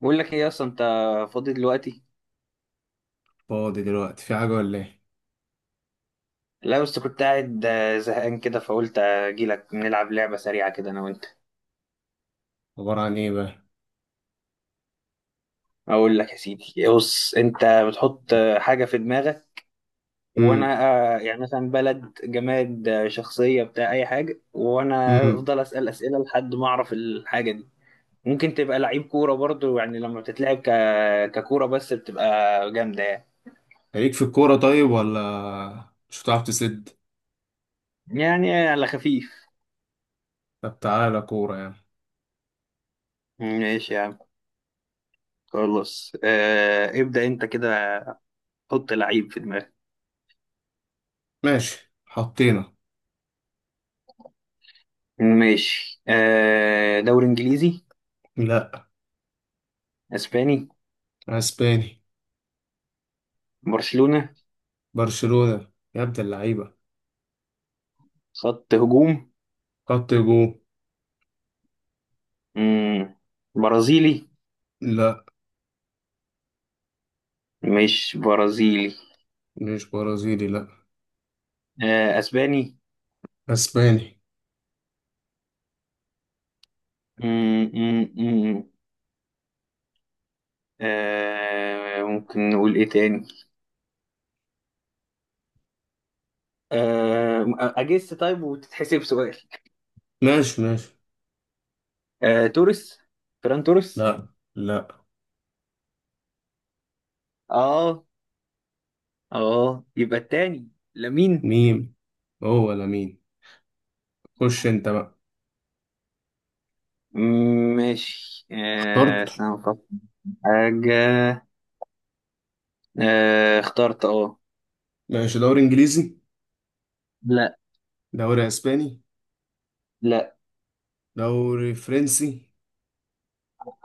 بقول لك ايه، اصلا انت فاضي دلوقتي؟ فاضي دلوقتي في حاجة ولا ايه؟ لا، بس كنت قاعد زهقان كده، فقلت اجي لك نلعب لعبه سريعه كده انا وانت. عبارة عن ايه بقى؟ اقول لك يا سيدي. بص، انت بتحط حاجه في دماغك، امم وانا يعني مثلا بلد، جماد، شخصيه، بتاع اي حاجه، وانا امم افضل اسال اسئله لحد ما اعرف الحاجه دي. ممكن تبقى لعيب كوره برضو، يعني لما بتتلعب ككوره بس بتبقى جامده يعني. ليك في الكورة طيب ولا مش هتعرف تسد؟ يعني على خفيف. طب تعالى كورة يعني. ماشي يا عم، خلاص. ابدأ انت كده. حط لعيب في دماغك. ماشي حطينا. ماشي. دوري انجليزي؟ لا، اسباني؟ اسباني. برشلونة. برشلونة يا ابن اللعيبة. خط هجوم. خط هجوم. مم. برازيلي؟ لا، مش برازيلي؟ مش برازيلي. لا، آه، اسباني؟ اسباني. مم. مم. مم. ممكن نقول ايه تاني؟ اجس طيب وتتحسب سؤال؟ ماشي ماشي. توريس؟ فران توريس؟ لا، لا، اه. اه يبقى التاني. لامين. ميم، هو ولا مين؟ خش انت بقى. مم، ماشي. اخترت. استنى أفكر. في حاجة. آه، اخترت. اه. ماشي، دوري انجليزي؟ لا. دوري اسباني؟ لا. دوري فرنسي؟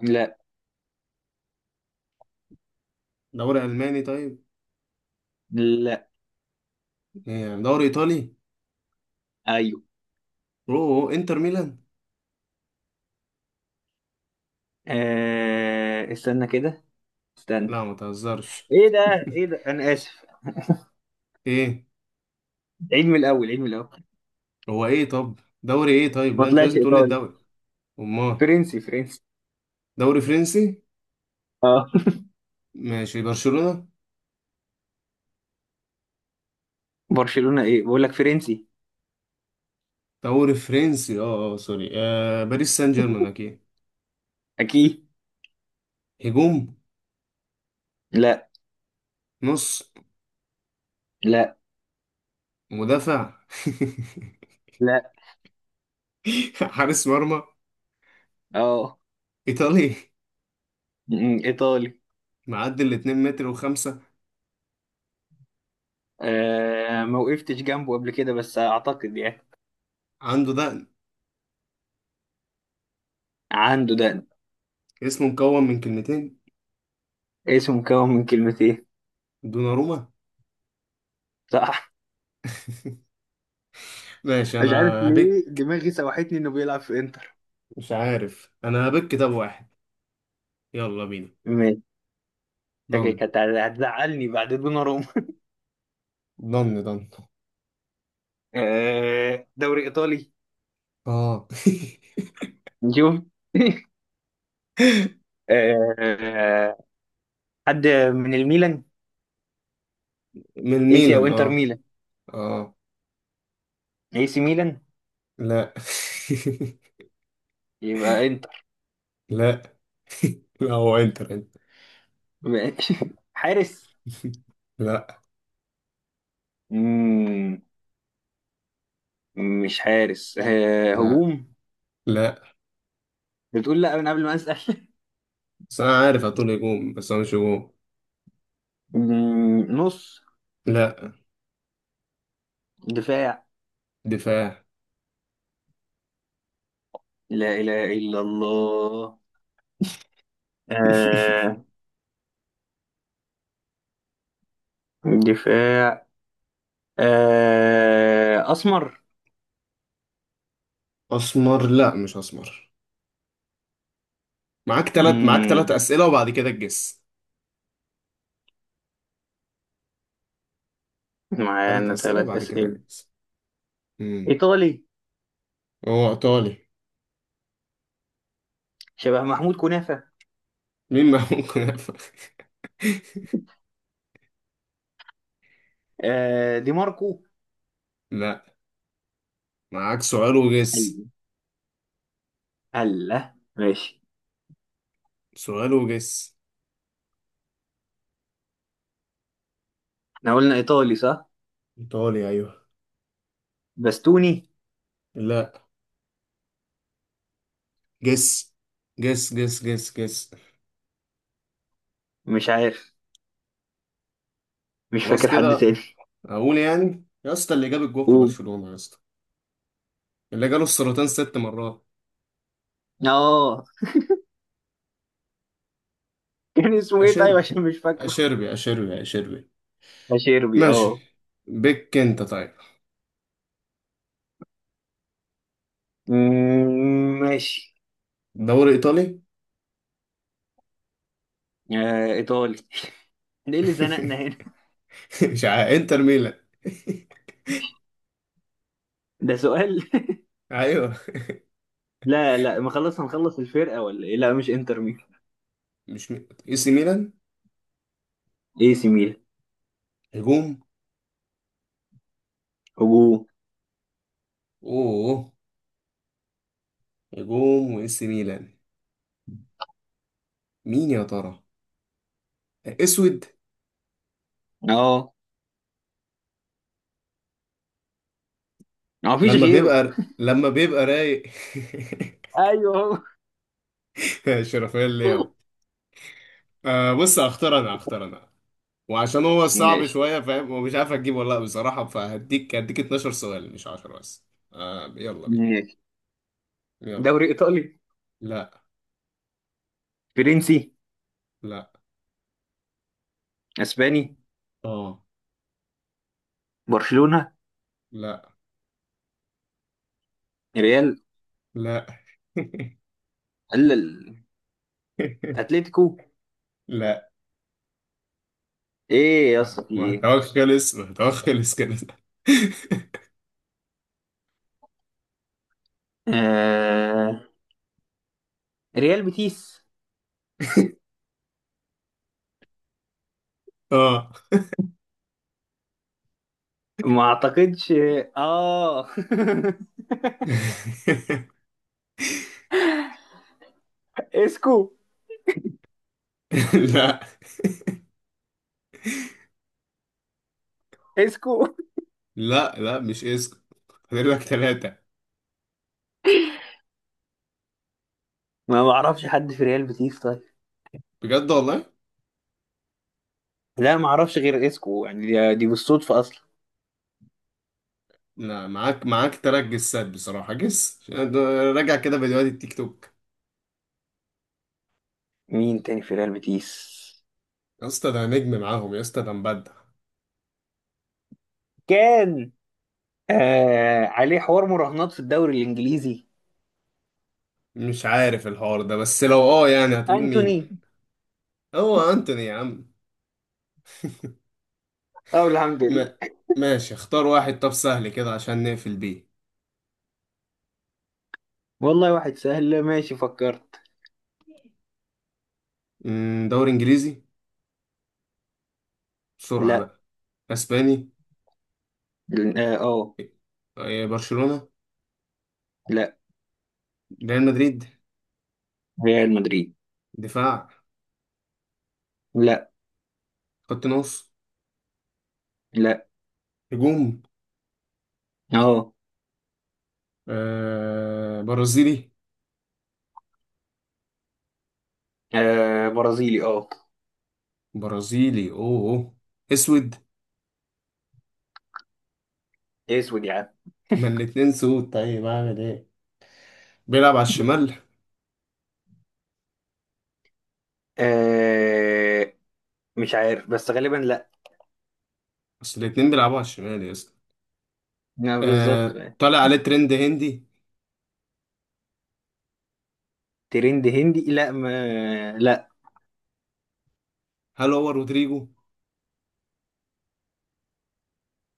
لا. دوري ألماني طيب؟ لا. ايه يعني، دوري ايطالي؟ ايوه. اوه، انتر ميلان. استنى كده، استنى. لا ما تهزرش. ايه ده؟ ايه ده؟ انا اسف. ايه؟ عيد من الاول، عيد من الاول. هو ايه طب؟ دوري ايه طيب؟ ما لا انت طلعش لازم تقول لي ايطالي. الدوري. امال؟ فرنسي، فرنسي. دوري فرنسي. اه. ماشي، برشلونة. برشلونة ايه؟ بقول لك فرنسي. دوري فرنسي، اه اه، سوري، باريس سان جيرمان اكيد. اكيد. هجوم. لا. نص. لا. مدافع. لا. حارس مرمى. اه. ايطالي. ايطالي. معدي الاتنين متر وخمسة. ما وقفتش جنبه قبل كده بس اعتقد يعني. عنده دقن. عنده ده. اسمه مكون من كلمتين. اسمه مكون من كلمتين. دوناروما. صح. ماشي انا. مش عارف ليه هبك. دماغي سوحتني انه بيلعب في انتر. مش عارف، انا هبك كتاب واحد. يلا بينا. ماشي. ضن. شكلك هتزعلني بعد دوناروما. ضن ضن. دوري ايطالي. اه. نشوف. آه، حد من الميلان؟ من اي سي او ميلان، انتر اه. ميلان؟ اه، اي سي ميلان؟ لا. يبقى انتر؟ لا. لا هو انتر انت. ماشي. حارس؟ لا. مم، مش حارس، لا. هجوم؟ لا بتقول لا من قبل ما اسال. بس انا عارف هتقول هجوم، بس هو مش هجوم. نص؟ لا. دفاع؟ دفاع. لا اله الا الله. آه، دفاع. اسمر؟ اسمر؟ لا مش اسمر. معاك تلات، معاك تلات مم، اسئله وبعد كده تجس. تلات معانا اسئله ثلاث وبعد كده اسئله؟ تجس. امم، ايطالي؟ هو ايطالي. شبه محمود كنافه. مين ما ممكن يفهم؟ دي ماركو؟ لا، معاك سؤال وجس. أيوة. الله، ماشي. سؤال وجس. احنا قلنا ايطالي، صح؟ إيطالي، أيوه. بستوني؟ لا. جس جس جس جس جس. مش عارف. مش خلاص فاكر حد كده. تاني. اقول يعني يا اسطى، اللي جاب الجول في قول. برشلونة يا اسطى، اللي جاله السرطان ست مرات. اه. كان اسمه ايه طيب؟ اشيربي، عشان مش فاكره. اشيربي اشيربي اشيربي. اشيربي. ماشي. اه. بك انت طيب. ماشي. دوري ايطالي. ايطالي. ده ايه اللي زنقنا هنا؟ مش عارف، انتر ميلان. ده سؤال؟ ايوه. لا لا، ما خلص، هنخلص الفرقه ولا ايه؟ لا مش انتر ميلان. مش مي... اي سي ميلان. اي سي ميلان. هجوم. هجوم. اوه. هجوم واي سي ميلان. مين يا ترى؟ اسود. اه، ما فيش غيره. لما بيبقى رايق. ايوه. شرفيا ليه. هو. بص، هختار انا هختار انا. وعشان هو صعب ماشي. شويه، فاهم ومش عارف اجيبه ولا لا بصراحه، فهديك 12 سؤال مش 10 بس. آه يلا بينا. ماشي. يلا. دوري ايطالي؟ لا. فرنسي؟ لا. اسباني؟ اه. برشلونة؟ لا. ريال؟ لا. قال ال- اتلتيكو. لا. ايه يا اسطى، في ايه؟ محتواك خلص، محتواك خلص كده. آه... ريال بيتيس؟ اه. ما اعتقدش. اه. اسكو؟ لا. اسكو؟ لا، لا مش اسم. فاضل لك ثلاثة. ما بعرفش حد في ريال بيتيس طيب. بجد والله. لا، ما اعرفش غير اسكو، يعني دي بالصدفة اصلا. لا، معاك تراك جسات بصراحة، جس ده. راجع كده فيديوهات التيك توك. مين تاني في ريال بيتيس؟ يا اسطى ده نجم معاهم، يا اسطى ده مبدع. كان عليه حوار مراهنات في الدوري الانجليزي. مش عارف الحوار ده، بس لو اه يعني هتقول انتوني. مين؟ هو انتوني يا عم. اه، الحمد لله. ما، ماشي. اختار واحد طب سهل كده عشان نقفل بيه. والله، واحد سهل، ماشي فكرت. أمم، دوري انجليزي؟ بسرعة لا. بقى. اسباني؟ اه. إيه، برشلونة؟ لا. ريال مدريد. ريال مدريد. دفاع؟ لا. خط نص؟ لا. هجوم. اهو. برازيلي. برازيلي. اه. برازيلي، اوه أوه. اسود. اسود يا عم. ما الاتنين سود طيب، اعمل ايه؟ بيلعب على الشمال؟ آه مش عارف بس غالبا لا. اصل الاتنين بيلعبوا على الشمال يا اسطى. لا، بالظبط. آه، طالع عليه ترند هندي. ترند هندي؟ لا، ما لا. هل هو رودريجو؟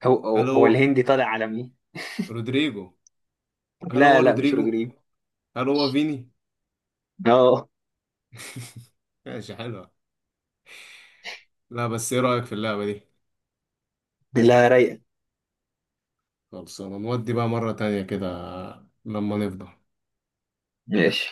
هو هو هل هو هو الهندي طالع عالمي. رودريجو هل هو لا لا، مش رودريجو رودريجو. هل هو فيني؟ اه. ماشي، حلوة. لا بس ايه رأيك في اللعبة دي؟ لا رايقه. خلصانة، نودي بقى مرة تانية كده لما نفضى. ماشي